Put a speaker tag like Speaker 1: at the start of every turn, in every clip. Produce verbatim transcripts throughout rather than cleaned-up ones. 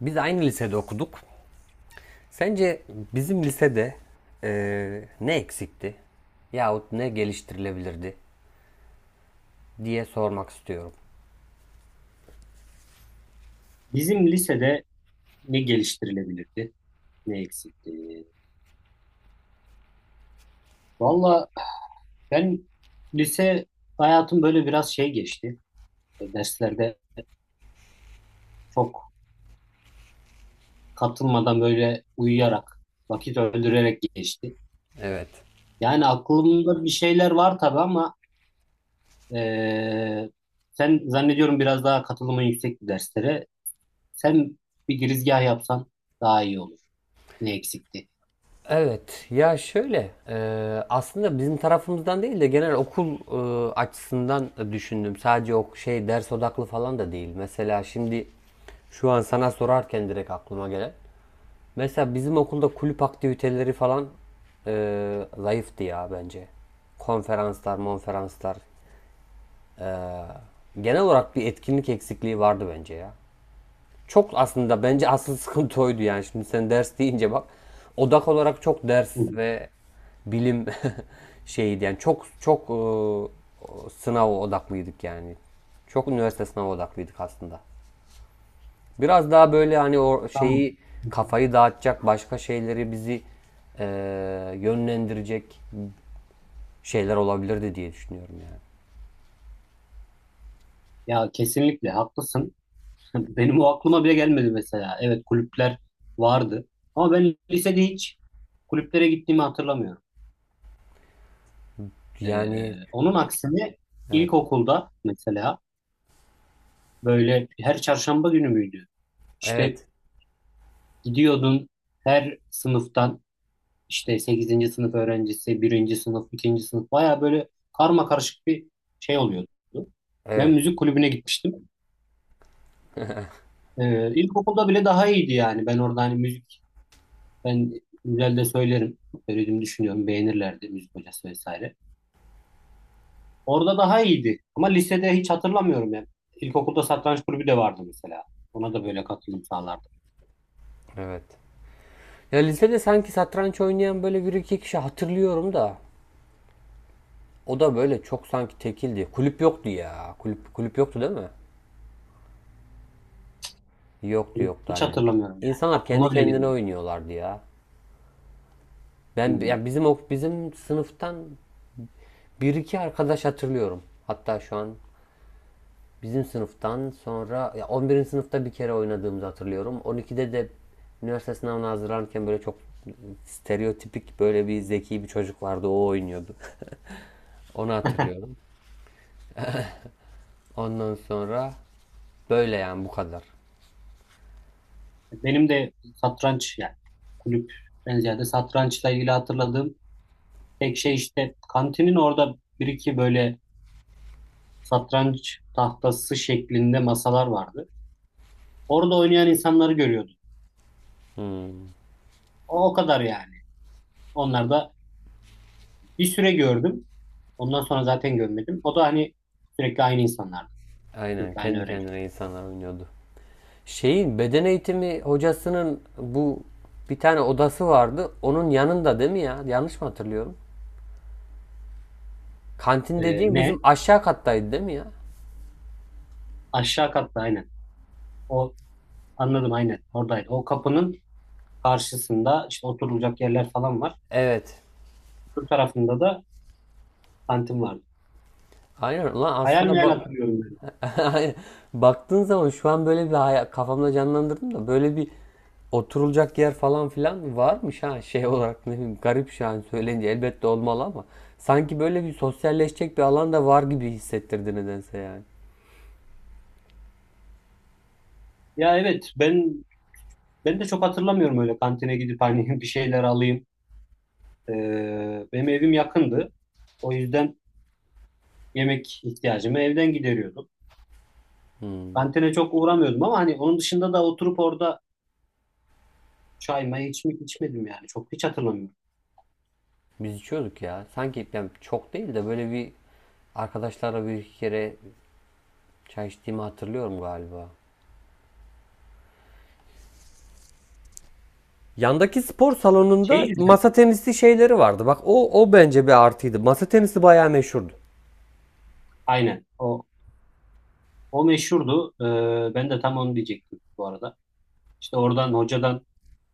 Speaker 1: Biz aynı lisede okuduk. Sence bizim lisede eee, ne eksikti yahut ne geliştirilebilirdi diye sormak istiyorum.
Speaker 2: Bizim lisede ne geliştirilebilirdi, ne eksikti? Valla ben lise hayatım böyle biraz şey geçti. Derslerde çok katılmadan böyle uyuyarak, vakit öldürerek geçti.
Speaker 1: Evet.
Speaker 2: Yani aklımda bir şeyler var tabii ama eee, sen zannediyorum biraz daha katılımın yüksek bir derslere. Sen bir girizgah yapsan daha iyi olur. Ne eksikti?
Speaker 1: Evet ya şöyle eee, aslında bizim tarafımızdan değil de genel okul eee, açısından düşündüm. Sadece o şey ders odaklı falan da değil. Mesela şimdi şu an sana sorarken direkt aklıma gelen. Mesela bizim okulda kulüp aktiviteleri falan eee, zayıftı ya bence konferanslar, monferanslar. Genel olarak bir etkinlik eksikliği vardı bence ya. Çok aslında bence asıl sıkıntı oydu yani. Şimdi sen ders deyince bak odak olarak çok ders
Speaker 2: Hı.
Speaker 1: ve bilim şeydi yani çok çok e, sınav odaklıydık yani. Çok üniversite sınavı odaklıydık aslında. Biraz daha böyle hani o şeyi
Speaker 2: Tamam. Hı hı.
Speaker 1: kafayı dağıtacak başka şeyleri bizi e, yönlendirecek şeyler olabilirdi diye düşünüyorum yani.
Speaker 2: Ya kesinlikle haklısın. Benim o aklıma bile gelmedi mesela. Evet, kulüpler vardı. Ama ben lisede hiç kulüplere gittiğimi hatırlamıyorum.
Speaker 1: Yani
Speaker 2: Ee, onun aksine
Speaker 1: evet.
Speaker 2: ilkokulda mesela böyle her çarşamba günü müydü? İşte
Speaker 1: Evet.
Speaker 2: gidiyordun, her sınıftan işte sekizinci sınıf öğrencisi, birinci sınıf, ikinci sınıf baya böyle karma karışık bir şey oluyordu. Ben
Speaker 1: Evet.
Speaker 2: müzik kulübüne gitmiştim. Ee, ilkokulda bile daha iyiydi yani. Ben orada hani müzik Ben güzel de söylerim. Söylediğimi düşünüyorum. Beğenirlerdi müzik hocası vesaire. Orada daha iyiydi. Ama lisede hiç hatırlamıyorum ya. İlkokulda satranç kulübü de vardı mesela. Ona da böyle katılım sağlardım.
Speaker 1: Evet. Ya lisede sanki satranç oynayan böyle bir iki kişi hatırlıyorum da. O da böyle çok sanki tekildi. Kulüp yoktu ya. Kulüp kulüp yoktu değil mi? Yoktu
Speaker 2: Kulüp
Speaker 1: yoktu
Speaker 2: Hiç
Speaker 1: aynen.
Speaker 2: hatırlamıyorum yani.
Speaker 1: İnsanlar kendi
Speaker 2: Aklıma bile
Speaker 1: kendine
Speaker 2: gelmiyor.
Speaker 1: oynuyorlardı ya.
Speaker 2: Hı
Speaker 1: Ben
Speaker 2: hı.
Speaker 1: ya bizim ok- bizim sınıftan bir iki arkadaş hatırlıyorum. Hatta şu an bizim sınıftan sonra ya on birinci sınıfta bir kere oynadığımızı hatırlıyorum. on ikide de üniversite sınavına hazırlanırken böyle çok stereotipik böyle bir zeki bir çocuk vardı, o oynuyordu. Onu hatırlıyorum. Ondan sonra böyle yani bu kadar.
Speaker 2: Benim de satranç, yani kulüpten ziyade satrançla ilgili hatırladığım tek şey, işte kantinin orada bir iki böyle satranç tahtası şeklinde masalar vardı. Orada oynayan insanları görüyordum.
Speaker 1: Hmm.
Speaker 2: O, o kadar yani. Onlar da Bir süre gördüm. Ondan sonra zaten görmedim. O da hani sürekli aynı insanlardı.
Speaker 1: Aynen
Speaker 2: Sürekli aynı
Speaker 1: kendi
Speaker 2: öğrenci.
Speaker 1: kendine insanlar oynuyordu. Şeyin beden eğitimi hocasının bu bir tane odası vardı. Onun yanında değil mi ya? Yanlış mı hatırlıyorum? Kantin
Speaker 2: Ee,
Speaker 1: dediğim
Speaker 2: ne?
Speaker 1: bizim aşağı kattaydı değil mi ya?
Speaker 2: Aşağı katta aynen. O, anladım aynen. Oradaydı. O kapının karşısında işte oturulacak yerler falan var.
Speaker 1: Evet.
Speaker 2: Öbür tarafında da kantin vardı.
Speaker 1: Aynen lan
Speaker 2: Hayal
Speaker 1: aslında
Speaker 2: meyal
Speaker 1: bak,
Speaker 2: hatırlıyorum ben.
Speaker 1: baktığın zaman şu an böyle bir hayal, kafamda canlandırdım da böyle bir oturulacak yer falan filan varmış ha, şey olarak ne bileyim garip, şu an söyleyince elbette olmalı ama sanki böyle bir sosyalleşecek bir alan da var gibi hissettirdi nedense yani.
Speaker 2: Ya evet, ben ben de çok hatırlamıyorum öyle kantine gidip hani bir şeyler alayım. Ee, benim evim yakındı. O yüzden yemek ihtiyacımı evden gideriyordum.
Speaker 1: Hmm.
Speaker 2: Kantine çok uğramıyordum ama hani onun dışında da oturup orada çay may hiç mi içmedim yani. Çok, hiç hatırlamıyorum.
Speaker 1: Biz içiyorduk ya. Sanki yani çok değil de böyle bir arkadaşlarla bir iki kere çay içtiğimi hatırlıyorum galiba. Yandaki spor
Speaker 2: Şey
Speaker 1: salonunda
Speaker 2: güzel.
Speaker 1: masa tenisi şeyleri vardı. Bak o o bence bir artıydı. Masa tenisi bayağı meşhurdu.
Speaker 2: Aynen. O, o meşhurdu. Ee, ben de tam onu diyecektim bu arada. İşte oradan hocadan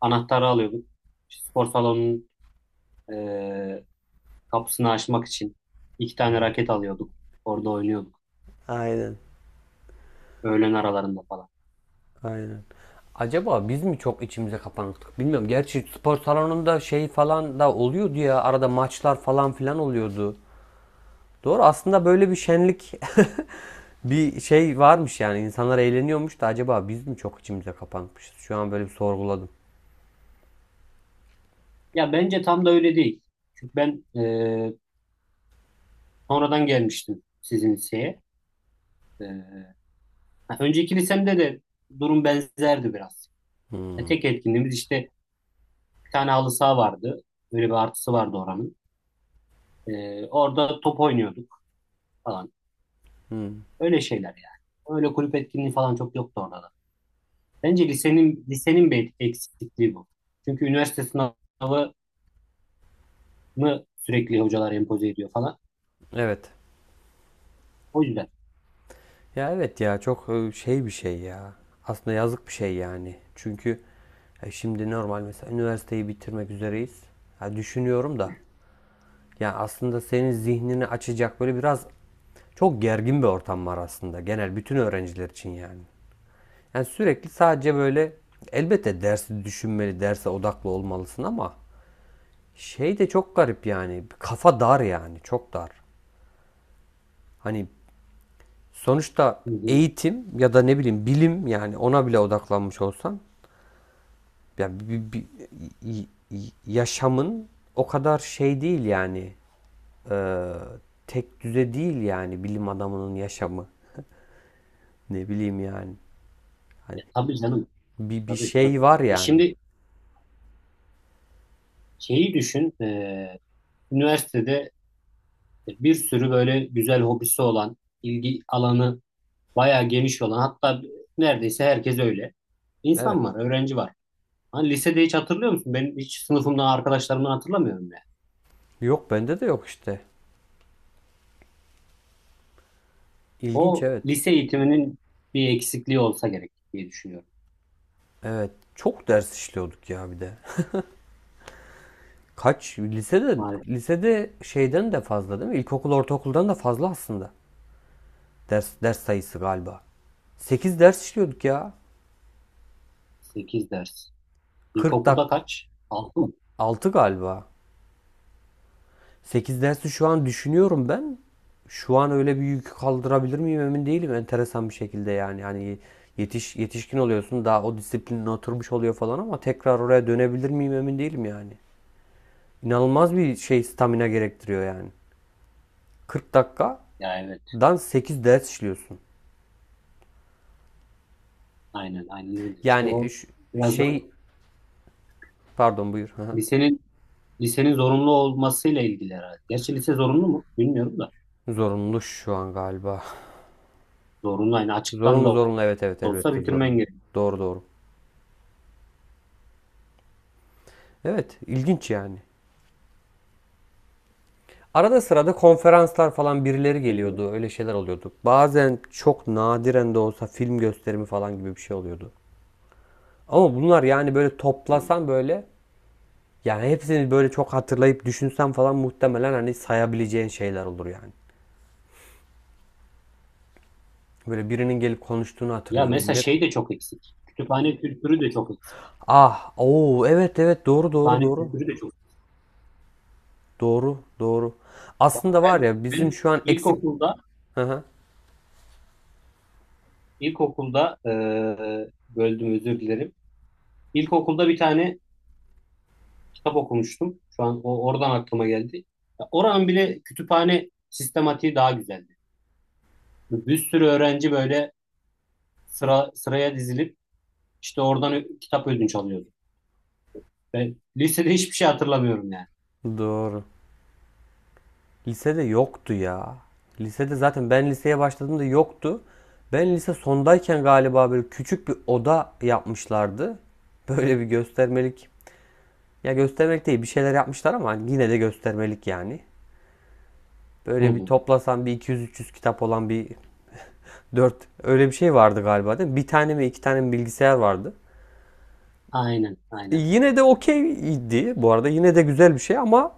Speaker 2: anahtarı alıyorduk. İşte spor salonunun ee, kapısını açmak için iki tane raket alıyorduk. Orada oynuyorduk.
Speaker 1: Aynen.
Speaker 2: Öğlen aralarında falan.
Speaker 1: Aynen. Acaba biz mi çok içimize kapandık? Bilmiyorum. Gerçi spor salonunda şey falan da oluyordu ya. Arada maçlar falan filan oluyordu. Doğru. Aslında böyle bir şenlik bir şey varmış yani. İnsanlar eğleniyormuş da acaba biz mi çok içimize kapanmışız? Şu an böyle bir sorguladım.
Speaker 2: Ya bence tam da öyle değil. Çünkü ben ee, sonradan gelmiştim sizin liseye. Ee, ha, Önceki lisemde de durum benzerdi biraz. E,
Speaker 1: Hmm.
Speaker 2: tek etkinliğimiz işte bir tane halı saha vardı. Böyle bir artısı vardı oranın. Ee, orada top oynuyorduk falan.
Speaker 1: Hmm.
Speaker 2: Öyle şeyler yani. Öyle kulüp etkinliği falan çok yoktu orada da. Bence lisenin lisenin bir eksikliği bu. Çünkü üniversite sınavını sürekli hocalar empoze ediyor falan.
Speaker 1: Evet.
Speaker 2: O yüzden.
Speaker 1: Ya evet ya çok e, şey bir şey ya. Aslında yazık bir şey yani. Çünkü e, şimdi normal mesela üniversiteyi bitirmek üzereyiz. Ya düşünüyorum da. Ya aslında senin zihnini açacak böyle biraz. Çok gergin bir ortam var aslında genel bütün öğrenciler için yani. Yani sürekli sadece böyle elbette dersi düşünmeli, derse odaklı olmalısın ama şey de çok garip yani. Kafa dar yani, çok dar. Hani sonuçta
Speaker 2: Hı hı.
Speaker 1: eğitim ya da ne bileyim bilim yani ona bile odaklanmış olsan yani bir, bir- y- yaşamın o kadar şey değil yani e, tek düze değil yani bilim adamının yaşamı, ne bileyim yani hani
Speaker 2: Ya, tabii canım.
Speaker 1: bir, bir
Speaker 2: Tabii, tabii.
Speaker 1: şey var
Speaker 2: E
Speaker 1: yani.
Speaker 2: şimdi şeyi düşün. E, üniversitede bir sürü böyle güzel hobisi olan, ilgi alanı bayağı geniş olan, hatta neredeyse herkes öyle.
Speaker 1: Evet.
Speaker 2: İnsan var, öğrenci var. Hani lisede hiç hatırlıyor musun? Ben hiç sınıfımdan arkadaşlarımdan hatırlamıyorum ya.
Speaker 1: Yok, bende de yok işte. İlginç,
Speaker 2: O
Speaker 1: evet.
Speaker 2: lise eğitiminin bir eksikliği olsa gerek diye düşünüyorum.
Speaker 1: Evet. Çok ders işliyorduk ya bir de. Kaç? Lisede
Speaker 2: Maalesef
Speaker 1: lisede şeyden de fazla değil mi? İlkokul, ortaokuldan da fazla aslında. Ders ders sayısı galiba. Sekiz ders işliyorduk ya.
Speaker 2: sekiz ders.
Speaker 1: Kırk
Speaker 2: İlkokulda
Speaker 1: dak
Speaker 2: kaç? Altı mı?
Speaker 1: altı galiba. Sekiz dersi şu an düşünüyorum ben. Şu an öyle bir yükü kaldırabilir miyim emin değilim. Enteresan bir şekilde yani. Hani yetiş, yetişkin oluyorsun, daha o disiplinin oturmuş oluyor falan ama tekrar oraya dönebilir miyim emin değilim yani. İnanılmaz bir şey, stamina gerektiriyor yani. kırk dakikadan
Speaker 2: Ya evet.
Speaker 1: sekiz ders işliyorsun.
Speaker 2: Aynen, aynen öyle. İşte
Speaker 1: Yani
Speaker 2: o
Speaker 1: ş-
Speaker 2: biraz da
Speaker 1: şey pardon buyur. Hı hı.
Speaker 2: lisenin lisenin zorunlu olmasıyla ilgili herhalde. Gerçi lise zorunlu mu? Bilmiyorum da.
Speaker 1: Zorunlu şu an galiba.
Speaker 2: Zorunlu, yani açıktan
Speaker 1: Zorunlu
Speaker 2: da
Speaker 1: zorunlu, evet evet,
Speaker 2: olsa
Speaker 1: elbette
Speaker 2: bitirmen
Speaker 1: zorunlu.
Speaker 2: gerekiyor.
Speaker 1: Doğru doğru. Evet, ilginç yani. Arada sırada konferanslar falan birileri
Speaker 2: Zaten öyle.
Speaker 1: geliyordu. Öyle şeyler oluyordu. Bazen çok nadiren de olsa film gösterimi falan gibi bir şey oluyordu. Ama bunlar yani böyle toplasan böyle, yani hepsini böyle çok hatırlayıp düşünsen falan muhtemelen hani sayabileceğin şeyler olur yani. Böyle birinin gelip konuştuğunu
Speaker 2: Ya
Speaker 1: hatırlıyorum.
Speaker 2: mesela
Speaker 1: Ne?
Speaker 2: şey de çok eksik. Kütüphane kültürü de çok eksik.
Speaker 1: Ah, oo, evet evet, doğru doğru
Speaker 2: Kütüphane
Speaker 1: doğru.
Speaker 2: kültürü de çok eksik.
Speaker 1: Doğru doğru.
Speaker 2: Bak,
Speaker 1: Aslında var
Speaker 2: ben,
Speaker 1: ya bizim
Speaker 2: ben
Speaker 1: şu an eksik...
Speaker 2: ilkokulda
Speaker 1: Hı hı,
Speaker 2: İlkokulda eee böldüm, özür dilerim. İlkokulda bir tane kitap okumuştum. Şu an o oradan aklıma geldi. Ya oranın bile kütüphane sistematiği daha güzeldi. Bir sürü öğrenci böyle sıra sıraya dizilip işte oradan ö- kitap ödünç alıyordu. Ben lisede hiçbir şey hatırlamıyorum yani.
Speaker 1: doğru. Lisede yoktu ya. Lisede zaten ben liseye başladığımda yoktu. Ben lise sondayken galiba böyle küçük bir oda yapmışlardı. Böyle bir göstermelik. Ya göstermelik değil, bir şeyler yapmışlar ama yine de göstermelik yani.
Speaker 2: Hı
Speaker 1: Böyle bir
Speaker 2: hı.
Speaker 1: toplasan bir iki yüz üç yüz kitap olan bir dört, öyle bir şey vardı galiba değil mi? Bir tane mi iki tane mi bilgisayar vardı.
Speaker 2: Aynen,
Speaker 1: E,
Speaker 2: aynen.
Speaker 1: yine de okeydi bu arada, yine de güzel bir şey ama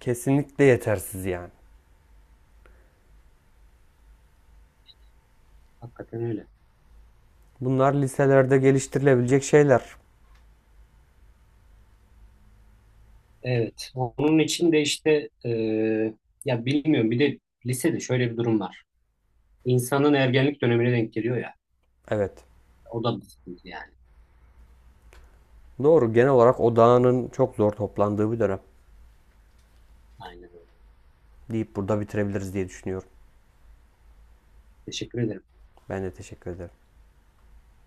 Speaker 1: kesinlikle yetersiz yani.
Speaker 2: Hakikaten öyle.
Speaker 1: Bunlar liselerde geliştirilebilecek şeyler.
Speaker 2: Evet. Onun için de işte eee, ya bilmiyorum. Bir de lisede şöyle bir durum var. İnsanın ergenlik dönemine denk geliyor ya.
Speaker 1: Evet
Speaker 2: O da bir sıkıntı yani.
Speaker 1: doğru, genel olarak odağının çok zor toplandığı bir dönem
Speaker 2: Aynen öyle.
Speaker 1: deyip burada bitirebiliriz diye düşünüyorum.
Speaker 2: Teşekkür ederim.
Speaker 1: Ben de teşekkür ederim.